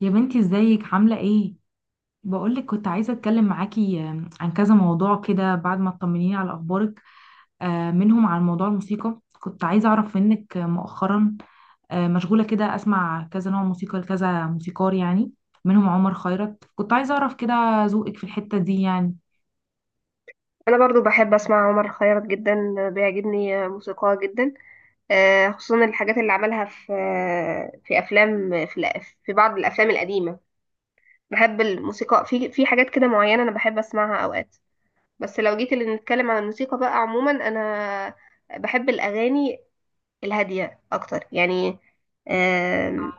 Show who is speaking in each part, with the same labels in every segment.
Speaker 1: يا بنتي، ازيك عاملة ايه؟ بقولك كنت عايزة اتكلم معاكي عن كذا موضوع كده بعد ما تطمنيني على اخبارك. منهم عن موضوع الموسيقى كنت عايزة اعرف منك مؤخرا مشغولة كده، اسمع كذا نوع موسيقى لكذا موسيقار يعني، منهم عمر خيرت. كنت عايزة اعرف كده ذوقك في الحتة دي يعني.
Speaker 2: انا برضو بحب اسمع عمر خيرت جدا. بيعجبني موسيقاه جدا. خصوصا الحاجات اللي عملها في افلام في بعض الافلام القديمه. بحب الموسيقى في حاجات كده معينه، انا بحب اسمعها اوقات. بس لو جيت اللي نتكلم عن الموسيقى بقى عموما، انا بحب الاغاني الهاديه اكتر يعني. آم،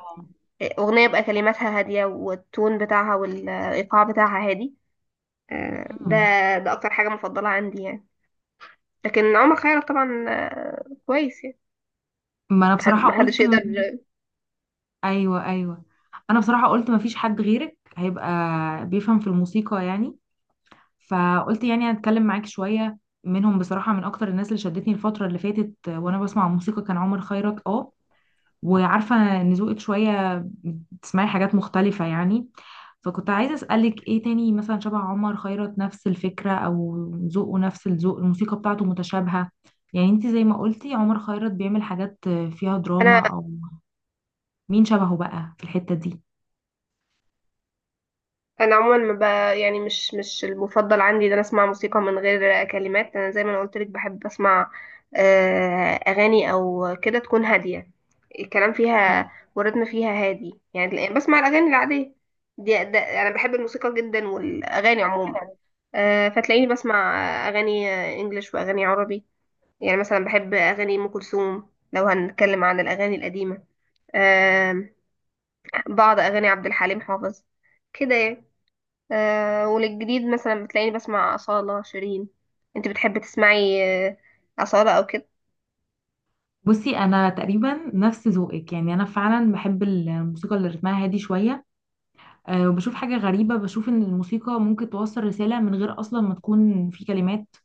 Speaker 2: اغنيه بقى كلماتها هاديه والتون بتاعها والايقاع بتاعها هادي، ده
Speaker 1: مم.
Speaker 2: اكتر حاجه مفضله عندي يعني. لكن عمر خيرت طبعا كويس يعني.
Speaker 1: ما انا
Speaker 2: حد
Speaker 1: بصراحة
Speaker 2: ما حدش
Speaker 1: قلت.
Speaker 2: يقدر.
Speaker 1: ايوه، ايوه. انا بصراحة قلت ما فيش حد غيرك هيبقى بيفهم في الموسيقى يعني. فقلت يعني هتكلم معاك شوية. منهم بصراحة من أكتر الناس اللي شدتني الفترة اللي فاتت وأنا بسمع موسيقى كان عمر خيرت. اه وعارفة إن ذوقك شوية بتسمعي حاجات مختلفة يعني. فكنت عايزة أسألك إيه تاني مثلا شبه عمر خيرت، نفس الفكرة أو ذوقه، نفس الذوق. الموسيقى بتاعته متشابهة. يعني انت زي ما قلتي عمر خيرت بيعمل حاجات فيها
Speaker 2: انا
Speaker 1: دراما، أو مين شبهه بقى في الحتة دي.
Speaker 2: انا عموما ما ب... يعني مش المفضل عندي ان انا اسمع موسيقى من غير كلمات. انا زي ما انا قلت لك بحب اسمع اغاني او كده تكون هاديه، الكلام
Speaker 1: مم.
Speaker 2: فيها والريتم فيها هادي، يعني بسمع الاغاني العاديه ده انا بحب الموسيقى جدا والاغاني عموما. فتلاقيني بسمع اغاني انجليش واغاني عربي. يعني مثلا بحب اغاني ام كلثوم لو هنتكلم عن الاغاني القديمه. آم، بعض أغاني عبد الحليم حافظ كده يعني. وللجديد مثلا بتلاقيني بسمع أصالة شيرين. انت بتحبي تسمعي أصالة أو كده؟
Speaker 1: بصي، انا تقريبا نفس ذوقك يعني. انا فعلا بحب الموسيقى اللي رتمها هادي شويه. وبشوف حاجة غريبة، بشوف إن الموسيقى ممكن توصل رسالة من غير أصلا ما تكون في كلمات.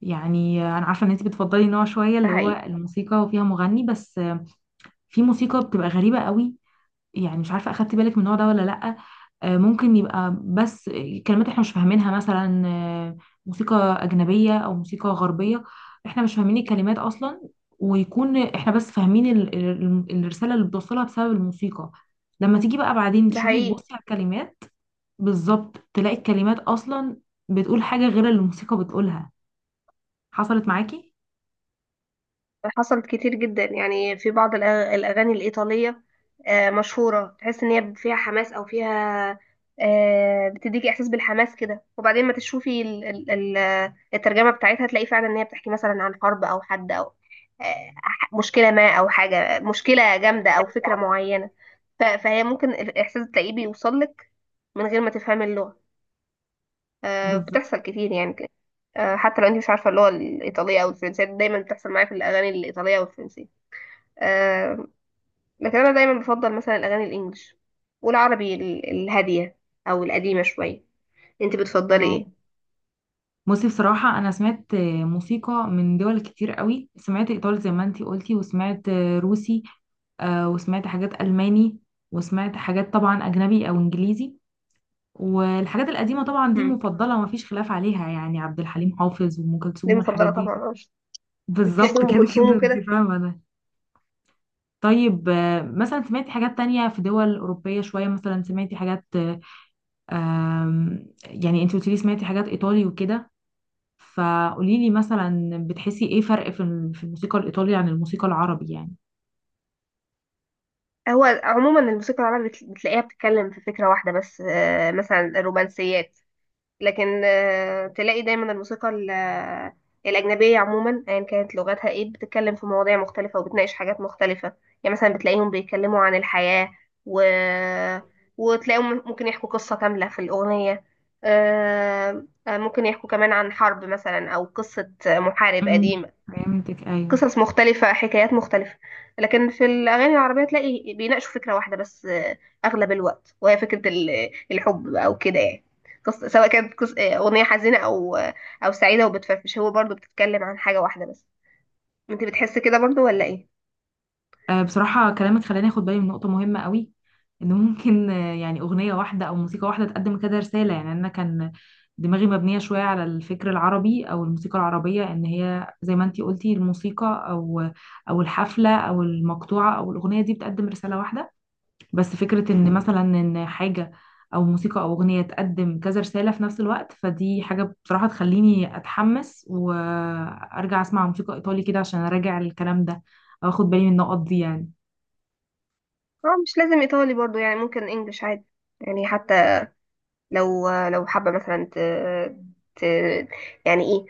Speaker 1: يعني أنا عارفة إن أنت بتفضلي نوع شوية
Speaker 2: ده
Speaker 1: اللي هو
Speaker 2: حقيقي.
Speaker 1: الموسيقى وفيها مغني بس. في موسيقى بتبقى غريبة قوي. يعني مش عارفة أخدت بالك من النوع ده ولا لأ. ممكن يبقى بس كلمات إحنا مش فاهمينها، مثلا موسيقى أجنبية أو موسيقى غربية. إحنا مش فاهمين الكلمات أصلا، ويكون إحنا بس فاهمين الرسالة اللي بتوصلها بسبب الموسيقى. لما تيجي بقى بعدين
Speaker 2: ده
Speaker 1: تشوفي،
Speaker 2: حقيقي.
Speaker 1: تبصي على الكلمات بالظبط، تلاقي الكلمات اصلا بتقول حاجه غير اللي الموسيقى بتقولها. حصلت معاكي.
Speaker 2: حصلت كتير جدا يعني في بعض الأغاني الإيطالية مشهورة، تحس إن هي فيها حماس أو فيها بتديكي إحساس بالحماس كده، وبعدين ما تشوفي الترجمة بتاعتها تلاقي فعلا إن هي بتحكي مثلا عن حرب أو حد أو مشكلة ما أو حاجة مشكلة جامدة أو فكرة معينة. فهي ممكن الإحساس تلاقيه بيوصلك من غير ما تفهمي اللغة.
Speaker 1: بالظبط.
Speaker 2: بتحصل كتير يعني كده. حتى لو انت مش عارفه اللغه الايطاليه او الفرنسيه، دايما بتحصل معايا في الاغاني الايطاليه والفرنسيه. آه، لكن انا دايما بفضل مثلا الاغاني الانجليش والعربي الهاديه او القديمه شويه. انت بتفضلي
Speaker 1: اه.
Speaker 2: ايه؟
Speaker 1: بصي، بصراحه انا سمعت موسيقى من دول كتير قوي. سمعت ايطالي زي ما انتي قلتي، وسمعت روسي، وسمعت حاجات الماني، وسمعت حاجات طبعا اجنبي او انجليزي. والحاجات القديمه طبعا دي
Speaker 2: امم.
Speaker 1: مفضله، مفيش خلاف عليها. يعني عبد الحليم حافظ وام
Speaker 2: دي
Speaker 1: كلثوم والحاجات
Speaker 2: مفضله
Speaker 1: دي.
Speaker 2: طبعا. بتحب
Speaker 1: بالظبط
Speaker 2: ام
Speaker 1: كده
Speaker 2: كلثوم
Speaker 1: كده انتي
Speaker 2: وكده؟
Speaker 1: فاهمه. طيب مثلا سمعتي حاجات تانية في دول أوروبية شوية؟ مثلا سمعتي حاجات يعني انت قلتيلي سمعتي حاجات إيطالي وكده. فقوليلي مثلا بتحسي ايه فرق في في الموسيقى الإيطالي عن الموسيقى العربي يعني.
Speaker 2: هو عموما الموسيقى العربية بتلاقيها بتتكلم في فكره واحده بس، مثلا الرومانسيات. لكن تلاقي دايما الموسيقى الأجنبية عموما أيا كانت لغتها ايه بتتكلم في مواضيع مختلفة وبتناقش حاجات مختلفة. يعني مثلا بتلاقيهم بيتكلموا عن الحياة و... وتلاقيهم ممكن يحكوا قصة كاملة في الأغنية. ممكن يحكوا كمان عن حرب مثلا أو قصة محارب
Speaker 1: امم
Speaker 2: قديم.
Speaker 1: فهمتك، أيوه.
Speaker 2: قصص مختلفة، حكايات مختلفة. لكن في الأغاني العربية تلاقي بيناقشوا فكرة واحدة بس أغلب الوقت، وهي فكرة الحب أو كده يعني. قصة سواء كانت أغنية حزينة أو أو سعيدة وبتفرفش، هو برضو بتتكلم عن حاجة واحدة بس. أنت بتحس كده برضو ولا إيه؟
Speaker 1: بصراحة كلامك خلاني اخد بالي من نقطة مهمة قوي. ان ممكن يعني اغنية واحدة او موسيقى واحدة تقدم كده رسالة. يعني انا كان دماغي مبنية شوية على الفكر العربي او الموسيقى العربية، ان هي زي ما انتي قلتي، الموسيقى او الحفلة او المقطوعة او الاغنية دي بتقدم رسالة واحدة. بس فكرة ان مثلا ان حاجة او موسيقى او اغنية تقدم كذا رسالة في نفس الوقت، فدي حاجة بصراحة تخليني اتحمس وارجع اسمع موسيقى ايطالي كده عشان اراجع الكلام ده، او اخد بالي من النقط دي يعني.
Speaker 2: اه، مش لازم إيطالي برضو. يعني ممكن إنجلش عادي. يعني حتى لو حابة مثلا ت... يعني ايه،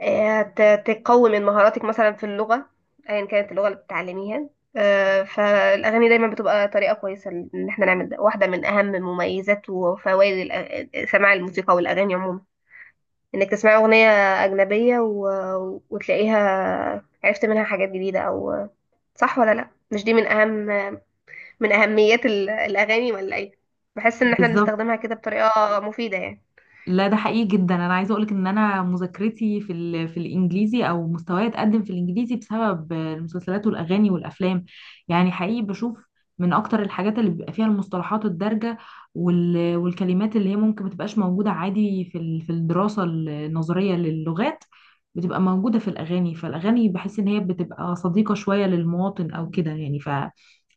Speaker 2: تقوي من مهاراتك مثلا في اللغة، ايا كانت اللغة اللي بتتعلميها. فالأغاني دايما بتبقى طريقة كويسة إن احنا نعمل ده. واحدة من أهم مميزات وفوائد سماع الموسيقى والأغاني عموما إنك تسمعي أغنية أجنبية وتلاقيها عرفت منها حاجات جديدة أو صح ولا لأ. مش دي من أهم من أهميات الأغاني ولا إيه؟ بحس إن احنا
Speaker 1: بالظبط.
Speaker 2: بنستخدمها كده بطريقة مفيدة يعني.
Speaker 1: لا، ده حقيقي جدا. انا عايزه اقولك ان انا مذاكرتي في في الانجليزي، او مستواي اتقدم في الانجليزي بسبب المسلسلات والاغاني والافلام. يعني حقيقي بشوف من اكتر الحاجات اللي بيبقى فيها المصطلحات الدارجه والكلمات اللي هي ممكن ما تبقاش موجوده عادي في في الدراسه النظريه للغات، بتبقى موجوده في الاغاني. فالاغاني بحس ان هي بتبقى صديقه شويه للمواطن او كده يعني.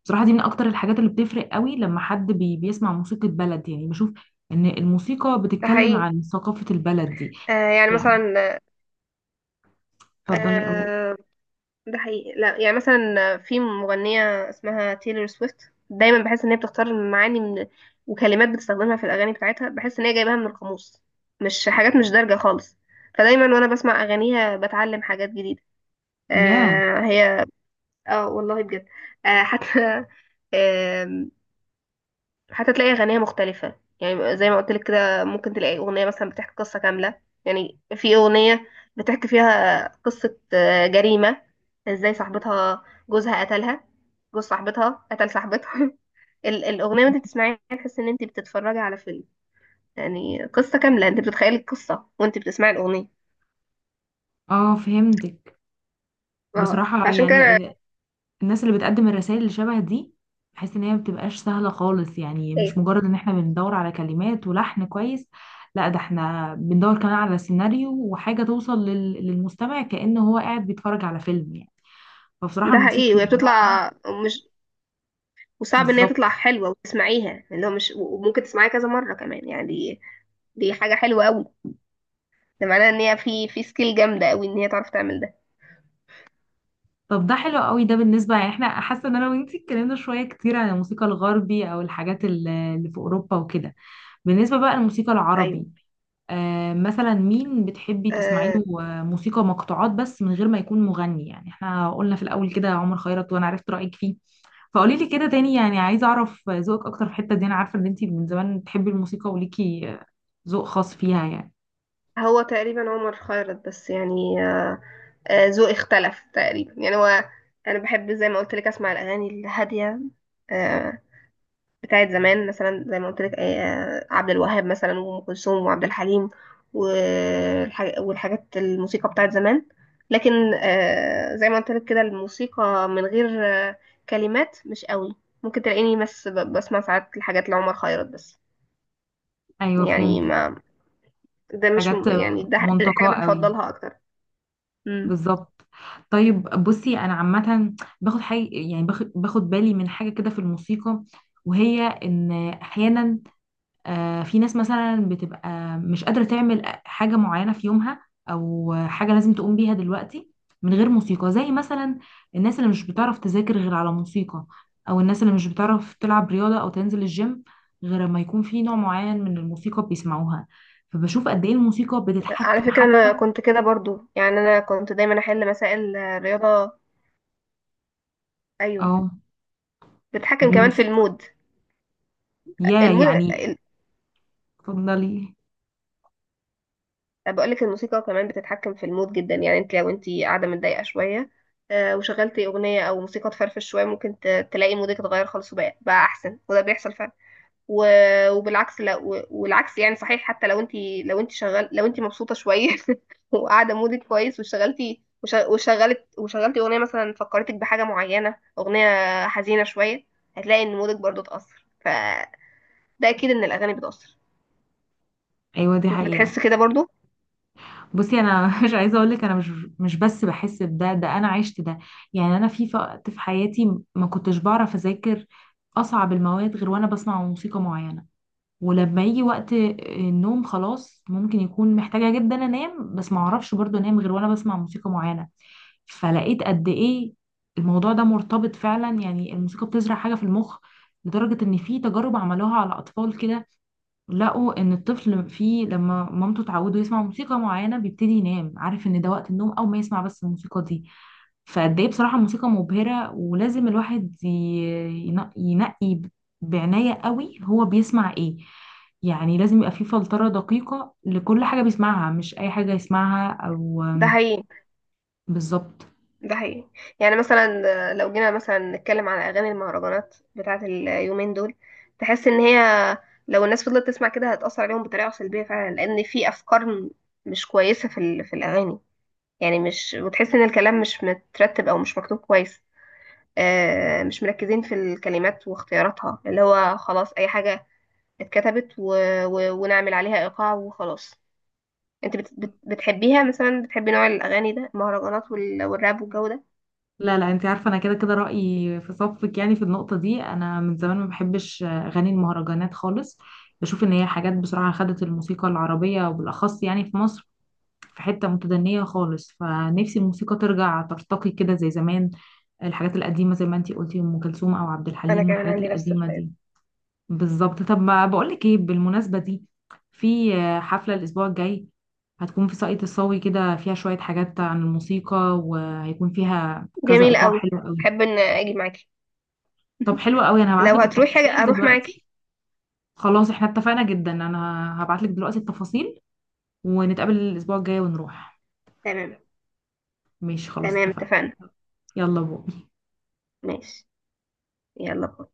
Speaker 1: بصراحة دي من أكتر الحاجات اللي بتفرق قوي لما حد بيسمع موسيقى بلد، يعني بشوف ان الموسيقى
Speaker 2: ده
Speaker 1: بتتكلم
Speaker 2: حقيقي.
Speaker 1: عن ثقافة البلد دي.
Speaker 2: يعني
Speaker 1: يعني،
Speaker 2: مثلا.
Speaker 1: اتفضلي، اه.
Speaker 2: آه ده حقيقي. لا، يعني مثلا في مغنية اسمها تايلور سويفت، دايما بحس ان هي بتختار معاني من وكلمات بتستخدمها في الاغاني بتاعتها، بحس ان هي جايباها من القاموس، مش حاجات مش دارجة خالص. فدايما وانا بسمع اغانيها بتعلم حاجات جديدة.
Speaker 1: ياه.
Speaker 2: هي. اه والله بجد. آه حتى حتى تلاقي أغنية مختلفة، يعني زي ما قلت لك كده ممكن تلاقي أغنية مثلا بتحكي قصة كاملة. يعني في أغنية بتحكي فيها قصة جريمة، ازاي صاحبتها جوزها قتلها. جوز صاحبتها قتل صاحبتها الأغنية وانت بتسمعيها تحس ان انت بتتفرجي على فيلم. يعني قصة كاملة، انت بتتخيلي القصة وانت بتسمعي الأغنية.
Speaker 1: اه، فهمتك.
Speaker 2: اه،
Speaker 1: بصراحة
Speaker 2: فعشان
Speaker 1: يعني
Speaker 2: كده
Speaker 1: الناس اللي بتقدم الرسائل اللي شبه دي، بحس ان هي ما بتبقاش سهلة خالص. يعني مش
Speaker 2: ايه.
Speaker 1: مجرد ان احنا بندور على كلمات ولحن كويس. لا، ده احنا بندور كمان على سيناريو وحاجة توصل للمستمع كأنه هو قاعد بيتفرج على فيلم يعني. فبصراحة
Speaker 2: ده
Speaker 1: الموسيقى
Speaker 2: حقيقي وهي
Speaker 1: اللي بالنوع ده.
Speaker 2: بتطلع مش، وصعب ان هي تطلع
Speaker 1: بالظبط.
Speaker 2: حلوة وتسمعيها يعني، اللي هو مش، وممكن تسمعيها كذا مرة كمان يعني. دي دي حاجة حلوة قوي. ده معناه ان هي في سكيل جامده قوي ان هي تعرف تعمل ده.
Speaker 1: طب ده حلو قوي، ده بالنسبة يعني احنا حاسة ان انا وانتي اتكلمنا شوية كتير عن الموسيقى الغربي او الحاجات اللي في اوروبا وكده. بالنسبة بقى للموسيقى
Speaker 2: ايوه.
Speaker 1: العربي، آه مثلا مين بتحبي تسمعي
Speaker 2: آه
Speaker 1: له؟ موسيقى مقطوعات بس من غير ما يكون مغني. يعني احنا قلنا في الاول كده عمر خيرت، وانا عرفت رأيك فيه. فقولي لي كده تاني، يعني عايزة اعرف ذوقك اكتر في الحتة دي. انا عارفة ان انتي من زمان بتحبي الموسيقى وليكي ذوق خاص فيها يعني.
Speaker 2: هو تقريبا عمر خيرت بس يعني ذوقي اختلف تقريبا، يعني هو انا بحب زي ما قلت لك اسمع الاغاني الهاديه آه بتاعت زمان، مثلا زي ما قلت لك عبد الوهاب مثلا وام كلثوم وعبد الحليم والحاجات الموسيقى بتاعت زمان. لكن زي ما قلت لك كده الموسيقى من غير كلمات مش قوي. ممكن تلاقيني بس بسمع ساعات الحاجات لعمر خيرت بس،
Speaker 1: ايوه، فهمت.
Speaker 2: يعني ما. ده مش
Speaker 1: حاجات
Speaker 2: يعني ده الحاجة
Speaker 1: منتقاه
Speaker 2: أنا
Speaker 1: قوي.
Speaker 2: بفضلها أكتر. امم.
Speaker 1: بالظبط. طيب بصي، انا عامه باخد حاجه، يعني باخد بالي من حاجه كده في الموسيقى، وهي ان احيانا في ناس مثلا بتبقى مش قادره تعمل حاجه معينه في يومها، او حاجه لازم تقوم بيها دلوقتي من غير موسيقى. زي مثلا الناس اللي مش بتعرف تذاكر غير على موسيقى، او الناس اللي مش بتعرف تلعب رياضه او تنزل الجيم غير ما يكون في نوع معين من الموسيقى بيسمعوها. فبشوف قد ايه الموسيقى
Speaker 2: على
Speaker 1: بتتحكم
Speaker 2: فكرة أنا
Speaker 1: حتى.
Speaker 2: كنت كده برضو. يعني أنا كنت دايما أحل مسائل رياضة. أيوه.
Speaker 1: اه،
Speaker 2: بتتحكم كمان في
Speaker 1: بالموسيقى.
Speaker 2: المود.
Speaker 1: يا
Speaker 2: المود
Speaker 1: يعني، اتفضلي.
Speaker 2: بقولك الموسيقى كمان بتتحكم في المود جدا. يعني أنت لو أنت قاعدة متضايقة شوية، وشغلتي أغنية أو موسيقى تفرفش شوية، ممكن تلاقي مودك اتغير خالص، وبقى أحسن، وده بيحصل فعلا. وبالعكس. لا، والعكس يعني صحيح. حتى لو أنت، لو أنت شغال، لو أنت مبسوطة شوية وقاعده مودك كويس واشتغلتي وشغلتي اغنيه مثلا، فكرتك بحاجه معينه، اغنيه حزينه شويه، هتلاقي ان مودك برضو اتاثر. فده اكيد ان الاغاني بتاثر.
Speaker 1: ايوه، دي
Speaker 2: انت
Speaker 1: حقيقة.
Speaker 2: بتحس كده برضو؟
Speaker 1: بصي انا مش عايزة اقول لك، انا مش بس بحس بده، ده انا عشت ده. يعني انا في وقت في حياتي ما كنتش بعرف اذاكر اصعب المواد غير وانا بسمع موسيقى معينة. ولما يجي وقت النوم، خلاص ممكن يكون محتاجة جدا انام بس ما اعرفش برضو انام غير وانا بسمع موسيقى معينة. فلقيت قد ايه الموضوع ده مرتبط فعلا. يعني الموسيقى بتزرع حاجة في المخ لدرجة ان في تجارب عملوها على اطفال كده، لقوا ان الطفل فيه لما مامته تعوده يسمع موسيقى معينه بيبتدي ينام عارف ان ده وقت النوم، او ما يسمع بس الموسيقى دي. فقد ايه بصراحه موسيقى مبهره. ولازم الواحد ينقي بعنايه قوي هو بيسمع ايه. يعني لازم يبقى فيه فلتره دقيقه لكل حاجه بيسمعها، مش اي حاجه يسمعها
Speaker 2: ده حقيقي.
Speaker 1: بالظبط.
Speaker 2: ده حقيقي. يعني مثلا لو جينا مثلا نتكلم على اغاني المهرجانات بتاعه اليومين دول، تحس ان هي لو الناس فضلت تسمع كده هتاثر عليهم بطريقه سلبيه فعلا، لان في افكار مش كويسه في الاغاني. يعني مش، وتحس ان الكلام مش مترتب او مش مكتوب كويس. مش مركزين في الكلمات واختياراتها، اللي هو خلاص اي حاجة اتكتبت ونعمل عليها ايقاع وخلاص. انت بتحبيها مثلا، بتحبي نوع الاغاني ده، المهرجانات والراب والجو ده؟
Speaker 1: لا لا، انت عارفه انا كده كده رايي في صفك، يعني في النقطه دي. انا من زمان ما بحبش اغاني المهرجانات خالص. بشوف ان هي حاجات بصراحه خدت الموسيقى العربيه وبالاخص يعني في مصر في حته متدنيه خالص. فنفسي الموسيقى ترجع ترتقي كده زي زمان، الحاجات القديمه زي ما انت قلتي ام كلثوم او عبد
Speaker 2: انا
Speaker 1: الحليم
Speaker 2: كمان
Speaker 1: والحاجات
Speaker 2: عندي نفس
Speaker 1: القديمه
Speaker 2: الرأي.
Speaker 1: دي. بالظبط. طب ما بقولك ايه بالمناسبة دي؟ في حفلة الأسبوع الجاي هتكون في ساقية الصاوي كده، فيها شوية حاجات عن الموسيقى وهيكون فيها كذا
Speaker 2: جميل
Speaker 1: إيقاع
Speaker 2: قوي.
Speaker 1: حلو قوي.
Speaker 2: احب ان اجي معاكي.
Speaker 1: طب حلو قوي، أنا
Speaker 2: لو
Speaker 1: هبعتلك
Speaker 2: هتروحي
Speaker 1: التفاصيل
Speaker 2: اروح معاكي.
Speaker 1: دلوقتي. خلاص احنا اتفقنا جدا، أنا هبعتلك دلوقتي التفاصيل ونتقابل الأسبوع الجاي ونروح.
Speaker 2: تمام.
Speaker 1: ماشي، خلاص
Speaker 2: تمام
Speaker 1: اتفقنا.
Speaker 2: اتفقنا.
Speaker 1: يلا بو.
Speaker 2: ماشي. يلا باي.